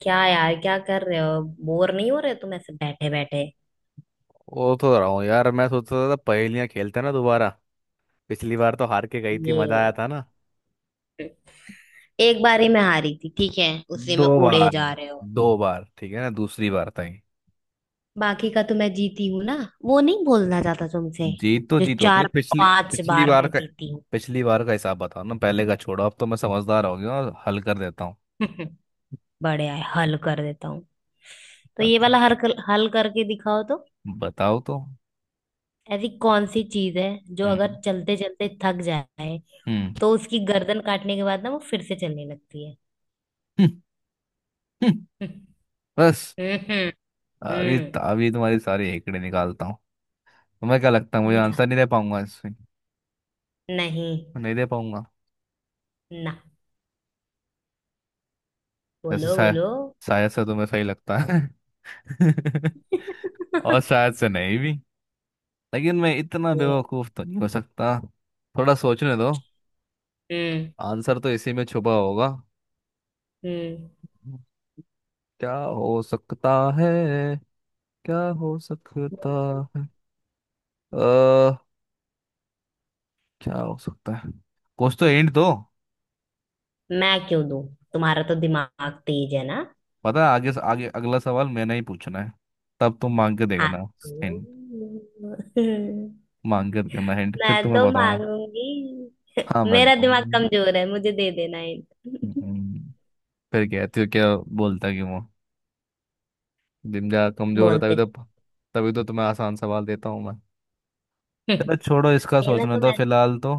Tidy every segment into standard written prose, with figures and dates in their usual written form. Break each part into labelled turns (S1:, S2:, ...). S1: क्या यार, क्या कर रहे हो? बोर नहीं हो रहे तुम ऐसे बैठे बैठे?
S2: वो तो रहा हूँ यार, मैं सोचता था पहेलियां खेलते हैं ना, दोबारा। पिछली बार तो हार के गई थी, मजा आया
S1: ये
S2: था ना।
S1: एक बारी मैं हारी थी, ठीक है। उसी
S2: दो
S1: में उड़े
S2: बार
S1: जा रहे हो।
S2: 2 बार ठीक है ना। दूसरी बार था ये।
S1: बाकी का तो मैं जीती हूँ ना। वो नहीं बोलना चाहता तुमसे।
S2: जीत तो
S1: जो
S2: जीत होती है,
S1: चार
S2: पिछली
S1: पांच
S2: पिछली
S1: बार
S2: बार
S1: मैं
S2: का।
S1: जीती हूँ।
S2: पिछली बार का हिसाब बताओ ना, पहले का छोड़ो। अब तो मैं समझदार हो गया और हल कर देता हूँ।
S1: बढ़िया है, हल कर देता हूँ। तो ये वाला
S2: अच्छा,
S1: हल करके दिखाओ तो।
S2: बताओ तो।
S1: ऐसी कौन सी चीज है जो अगर
S2: हम्म,
S1: चलते चलते थक जाए,
S2: हम्म,
S1: तो उसकी गर्दन काटने के बाद ना वो फिर से चलने लगती है?
S2: हम्म, हम्म। बस।
S1: हम्म हम्म
S2: अभी
S1: हम्म,
S2: अभी तुम्हारी सारी हेकड़े निकालता हूँ। तुम्हें क्या लगता है मुझे
S1: निकाल
S2: आंसर नहीं दे पाऊंगा इसमें?
S1: नहीं
S2: नहीं दे पाऊंगा?
S1: ना,
S2: ऐसे
S1: बोलो
S2: शायद।
S1: बोलो।
S2: शायद से तुम्हें सही लगता है। और शायद से नहीं भी। लेकिन मैं इतना बेवकूफ तो नहीं हो सकता। थोड़ा सोचने दो।
S1: हम्म
S2: आंसर तो इसी में छुपा होगा।
S1: हम्म।
S2: क्या हो सकता है? क्या हो
S1: बोलो,
S2: सकता
S1: बोलो।
S2: है? अ क्या हो सकता है? कुछ तो हिंट दो।
S1: मैं क्यों दूं? तुम्हारा तो दिमाग तेज है ना।
S2: पता है आगे आगे अगला सवाल मैंने ही पूछना है, तब तुम मांग के
S1: हाँ
S2: देखना
S1: तो
S2: हिंट। मांग के देखना हिंट, फिर
S1: मैं
S2: तुम्हें
S1: तो
S2: बताऊंगा।
S1: मांगूंगी।
S2: हाँ, मैं
S1: मेरा दिमाग
S2: बताऊंगा।
S1: कमजोर है, मुझे दे देना
S2: हम्म,
S1: हिंट।
S2: हम्म। फिर कहती हो क्या? बोलता क्यों हो? जिंदा कमजोर है तभी
S1: बोलते
S2: तो। तभी तो तुम्हें आसान सवाल देता हूँ मैं।
S1: है
S2: चलो छोड़ो इसका
S1: ना,
S2: सोचना
S1: तुम
S2: तो
S1: ऐसे-
S2: फिलहाल तो।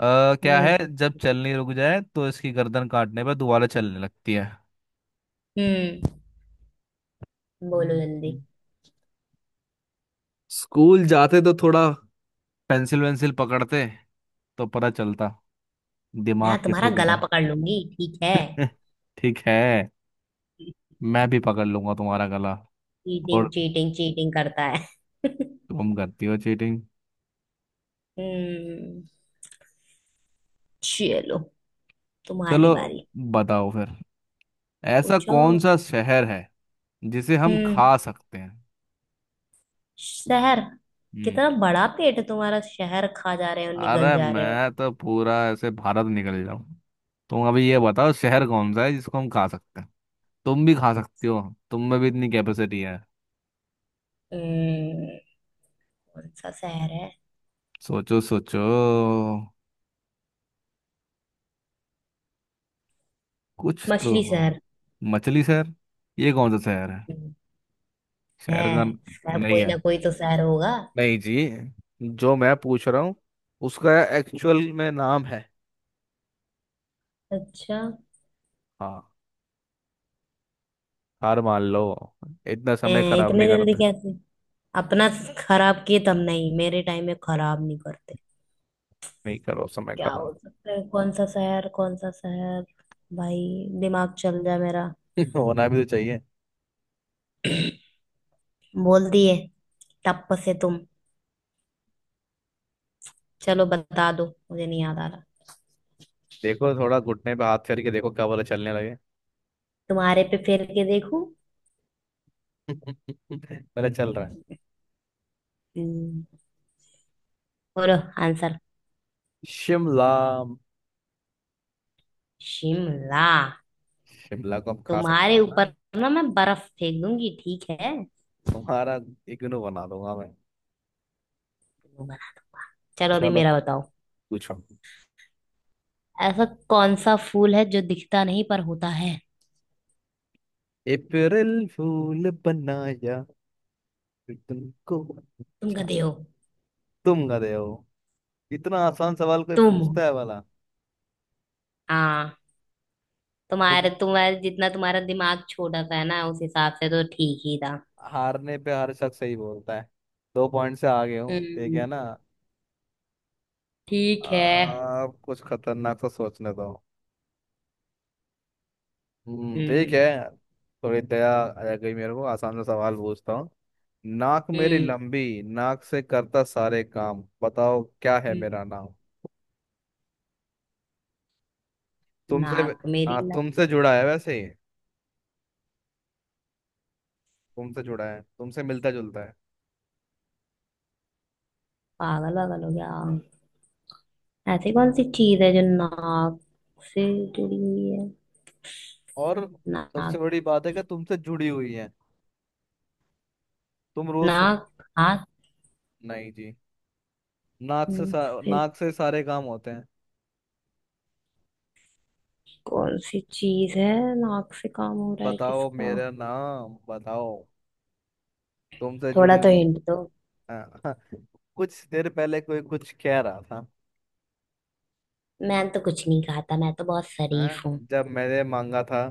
S2: क्या है
S1: हम्म
S2: जब चलने रुक जाए तो इसकी गर्दन काटने पर दोबारा चलने लगती है?
S1: हम्म, बोलो जल्दी।
S2: हम्म। स्कूल जाते तो थोड़ा पेंसिल वेंसिल पकड़ते, तो पता चलता दिमाग
S1: मैं तुम्हारा
S2: किसको
S1: गला
S2: कहते
S1: पकड़ लूंगी, ठीक है।
S2: हैं। ठीक है। मैं भी पकड़ लूंगा तुम्हारा गला।
S1: चीटिंग
S2: और
S1: चीटिंग चीटिंग करता है।
S2: तुम करती हो चीटिंग?
S1: हम्म। चलो, तुम्हारी
S2: चलो,
S1: बारी।
S2: बताओ फिर। ऐसा
S1: पूछो।
S2: कौन सा शहर है जिसे हम
S1: हम्म,
S2: खा सकते हैं?
S1: शहर?
S2: हम्म।
S1: कितना बड़ा पेट है तुम्हारा, शहर खा जा रहे हो, निगल
S2: अरे
S1: जा रहे हो।
S2: मैं तो पूरा ऐसे भारत निकल जाऊं। तुम अभी ये बताओ शहर कौन सा है जिसको हम खा सकते हैं। तुम भी खा सकती हो, तुम में भी इतनी कैपेसिटी है।
S1: हम्म, कौन सा शहर है?
S2: सोचो सोचो, कुछ तो
S1: मछली
S2: हो।
S1: शहर?
S2: मछली शहर? ये कौन सा शहर है?
S1: हम्म, है
S2: शहर का न-
S1: शहर,
S2: नहीं
S1: कोई
S2: है।
S1: ना कोई तो शहर होगा।
S2: नहीं जी, जो मैं पूछ रहा हूँ उसका एक्चुअल में नाम है।
S1: अच्छा।
S2: हाँ, हार मान लो। इतना समय
S1: हैं,
S2: खराब
S1: इतने
S2: नहीं
S1: जल्दी
S2: करते।
S1: कैसे अपना खराब किए? तब नहीं, मेरे टाइम में खराब नहीं करते।
S2: नहीं करो समय
S1: क्या हो
S2: खराब।
S1: सकता है? कौन सा शहर, कौन सा शहर? भाई दिमाग चल जाए मेरा।
S2: होना भी तो चाहिए।
S1: बोल दिए टप से तुम। चलो बता दो, मुझे नहीं याद आ रहा।
S2: देखो, थोड़ा घुटने पे हाथ करके देखो कब वाला चलने लगे।
S1: तुम्हारे पे फेर के देखूं?
S2: मेरा चल रहा है।
S1: हम्म, बोलो आंसर।
S2: शिमला।
S1: शिमला?
S2: शिमला को हम खा सकते
S1: तुम्हारे
S2: हैं ना।
S1: ऊपर ना मैं बर्फ फेंक दूंगी, ठीक है।
S2: तुम्हारा इग्नू बना दूंगा मैं।
S1: चलो अभी
S2: चलो,
S1: मेरा बताओ।
S2: पूछो।
S1: ऐसा कौन सा फूल है जो दिखता नहीं पर होता है?
S2: अप्रैल फूल बनाया तुमको?
S1: तुम
S2: अच्छा।
S1: गधे हो।
S2: तुम गधे हो। इतना आसान सवाल कोई
S1: तुम,
S2: पूछता है वाला।
S1: हाँ, तुम्हारे
S2: तो
S1: तुम्हारे जितना तुम्हारा दिमाग छोटा सा है ना, उस हिसाब से तो ठीक ही था।
S2: हारने पे हर शख्स सही बोलता है। 2 पॉइंट से आगे हूँ, ठीक है
S1: हम्म,
S2: ना।
S1: ठीक है।
S2: आप कुछ खतरनाक सा सोचने दो। ठीक
S1: हम्म
S2: है। थोड़ी दया आ गई मेरे को, आसान सा सवाल पूछता हूँ। नाक मेरी
S1: हम्म
S2: लंबी, नाक से करता सारे काम, बताओ क्या है
S1: हम्म।
S2: मेरा नाम। तुमसे।
S1: नाक मेरी
S2: हाँ,
S1: ना?
S2: तुमसे जुड़ा है वैसे ही। तुमसे जुड़ा है, तुमसे मिलता जुलता है।
S1: पागल वागल हो गया? ऐसी कौन सी चीज है जो नाक से जुड़ी हुई है?
S2: और सबसे
S1: नाक?
S2: बड़ी बात है कि तुमसे जुड़ी हुई है। तुम रोज सुन।
S1: नाक? हाथ?
S2: नहीं जी।
S1: हम्म, फिर
S2: नाक से सारे काम होते हैं।
S1: कौन सी चीज है? नाक से काम हो रहा है
S2: बताओ
S1: किसका?
S2: मेरा नाम बताओ। तुमसे जुड़ी
S1: थोड़ा तो
S2: हुई चीज।
S1: हिंट दो।
S2: हाँ। कुछ देर पहले कोई कुछ कह रहा था।
S1: मैं तो कुछ नहीं खाता, मैं तो बहुत
S2: हाँ,
S1: शरीफ हूँ।
S2: जब मैंने मांगा था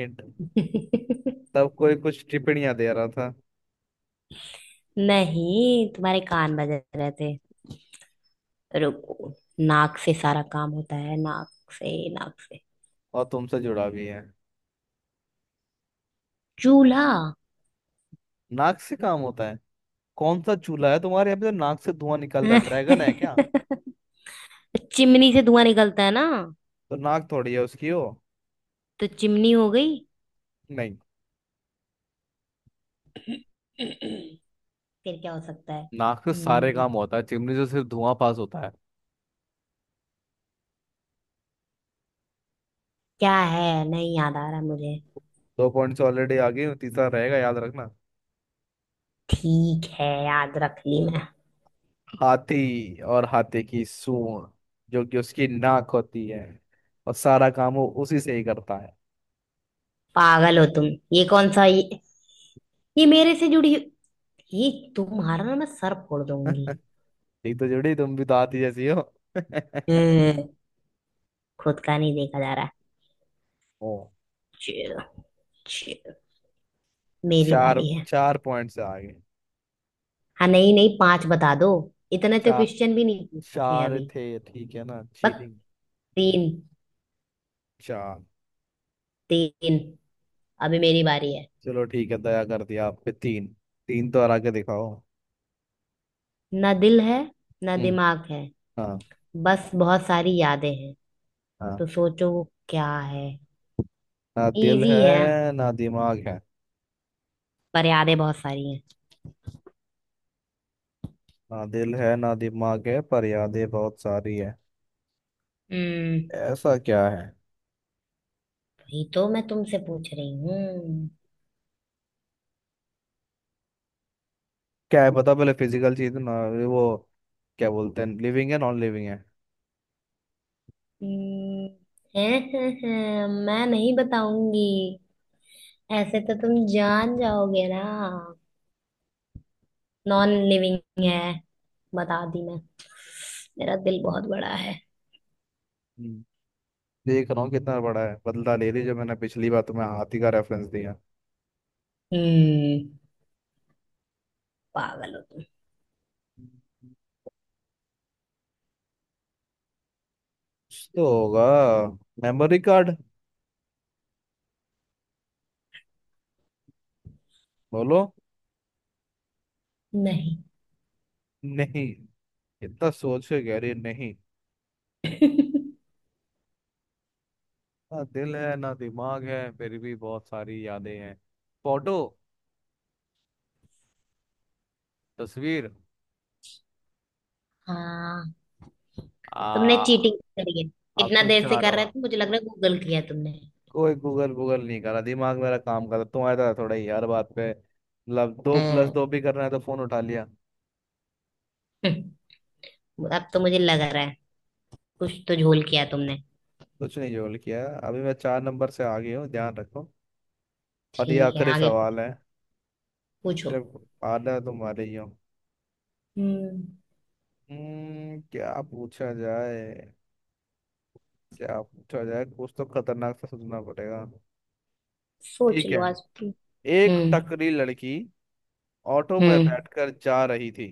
S2: हिंट, तब कोई कुछ टिप्पणियां दे रहा था।
S1: नहीं, तुम्हारे कान बज रहे थे। रुको। नाक से सारा काम होता है, नाक से, नाक से।
S2: और तुमसे जुड़ा भी है,
S1: चूल्हा?
S2: नाक से काम होता है। कौन सा चूल्हा है तुम्हारे यहाँ पे जो नाक से धुआं निकल रहा है, ड्रैगन है क्या?
S1: चिमनी से धुआं निकलता है ना,
S2: तो नाक थोड़ी है उसकी हो।
S1: तो चिमनी हो गई।
S2: नहीं।
S1: फिर क्या हो सकता है?
S2: नाक से सारे
S1: हम्म,
S2: काम होता है, चिमनी से सिर्फ धुआं पास होता है।
S1: क्या है? नहीं याद आ रहा मुझे।
S2: 2 पॉइंट्स ऑलरेडी आ गई, तीसरा रहेगा याद रखना।
S1: ठीक है, याद रख ली मैं।
S2: हाथी, और हाथी की सूंड जो कि उसकी नाक होती है, और सारा काम वो उसी से ही करता है।
S1: पागल हो तुम। ये कौन सा ये मेरे से जुड़ी? ये, तुम्हारा ना मैं सर फोड़ दूंगी।
S2: ठीक तो जुड़ी, तुम भी तो हाथी जैसी हो।
S1: हम्म, खुद का नहीं देखा जा रहा।
S2: ओ।
S1: चिल चिल, मेरी
S2: चार
S1: बारी है।
S2: 4 पॉइंट से आगे।
S1: हाँ नहीं नहीं, पांच बता दो। इतने तो
S2: चार
S1: क्वेश्चन भी नहीं पूछे
S2: चार
S1: अभी।
S2: थे, ठीक है ना,
S1: बस
S2: चीटिंग।
S1: तीन,
S2: चार।
S1: तीन। अभी मेरी बारी है।
S2: चलो ठीक है, दया कर दिया आप पे, तीन। तीन तो हरा के दिखाओ।
S1: ना दिल है, ना
S2: हम्म,
S1: दिमाग है।
S2: हाँ।
S1: बस बहुत सारी यादें हैं।
S2: हाँ।
S1: तो सोचो वो क्या है।
S2: ना दिल
S1: इजी
S2: है
S1: है,
S2: ना दिमाग है।
S1: पर यादें बहुत सारी हैं।
S2: ना दिल है ना दिमाग है, पर यादें बहुत सारी है।
S1: हम्म?
S2: ऐसा क्या है?
S1: वही तो मैं तुमसे पूछ रही हूँ।
S2: क्या है, बता पहले, फिजिकल चीज ना वो, क्या बोलते हैं, लिविंग है नॉन लिविंग है?
S1: हम्म, हैं, मैं नहीं बताऊंगी। ऐसे तो तुम जान जाओगे ना। नॉन लिविंग है, बता दी मैं। मेरा दिल बहुत बड़ा है।
S2: हम्म, देख रहा हूँ कितना बड़ा है, बदला ले रही जो मैंने पिछली बार तुम्हें हाथी का रेफरेंस दिया।
S1: हम्म। पागल हो तुम।
S2: कुछ तो होगा। Memory card? बोलो।
S1: नहीं।
S2: नहीं? इतना सोच के कह रही है, नहीं। ना दिल है ना दिमाग है फिर भी बहुत सारी यादें हैं। फोटो? तस्वीर?
S1: हाँ, तुमने
S2: आ
S1: चीटिंग करी है।
S2: अब
S1: इतना
S2: तो
S1: देर से
S2: चार
S1: कर रहे
S2: और।
S1: थे, मुझे लग रहा है गूगल किया तुमने।
S2: कोई गूगल गूगल नहीं करा, दिमाग मेरा काम कर रहा, तुम्हारा था थोड़ा ही? हर बात पे मतलब दो प्लस
S1: हाँ।
S2: दो भी करना है तो फोन उठा लिया।
S1: अब तो मुझे लग रहा है कुछ तो झोल किया तुमने।
S2: कुछ नहीं जोल किया, अभी मैं 4 नंबर से आगे हूँ, ध्यान रखो। और ये
S1: ठीक है,
S2: आखिरी
S1: आगे पूछ-
S2: सवाल है।
S1: पूछो।
S2: सिर्फ आधा तुम्हारे ही हो।
S1: हम्म।
S2: क्या पूछा जाए? क्या पूछा जाए, कुछ तो खतरनाक सा सोचना पड़ेगा।
S1: सोच
S2: ठीक
S1: लो
S2: है।
S1: आज तुम।
S2: एक
S1: हम्म
S2: टकरी लड़की ऑटो में
S1: हम्म
S2: बैठकर जा रही थी।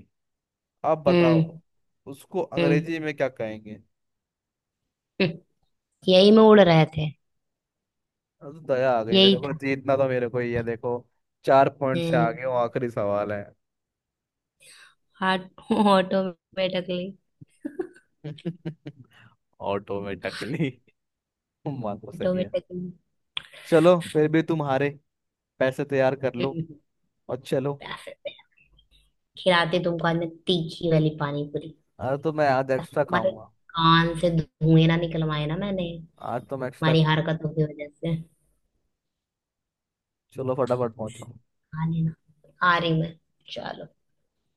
S2: अब
S1: हम्म
S2: बताओ उसको
S1: हम्म
S2: अंग्रेजी में क्या कहेंगे?
S1: हम्म, यही में उड़ रहे थे।
S2: अब तो दया आ गई
S1: यही
S2: मेरे को,
S1: था।
S2: जीतना तो मेरे को ही है देखो। चार पॉइंट से आगे हूँ,
S1: हम्म।
S2: आखिरी सवाल है।
S1: हाट? ऑटोमेटिकली।
S2: ऑटो में टकली, मानो सही है।
S1: ऑटोमेटिकली।
S2: चलो फिर भी तुम हारे, पैसे तैयार कर लो और चलो।
S1: प्यासे थे? खिलाते तुमको आज मैं तीखी वाली पानी पूरी।
S2: अरे तो मैं आज
S1: बस
S2: एक्स्ट्रा
S1: तुम्हारे
S2: खाऊंगा।
S1: कान से धुएं ना निकलवाए ना मैंने
S2: आज तो मैं एक्स्ट्रा
S1: तुम्हारी
S2: खाऊं।
S1: हरकतों की वजह से।
S2: चलो फटाफट पहुंचो।
S1: आ लेना, आ रही मैं, चलो।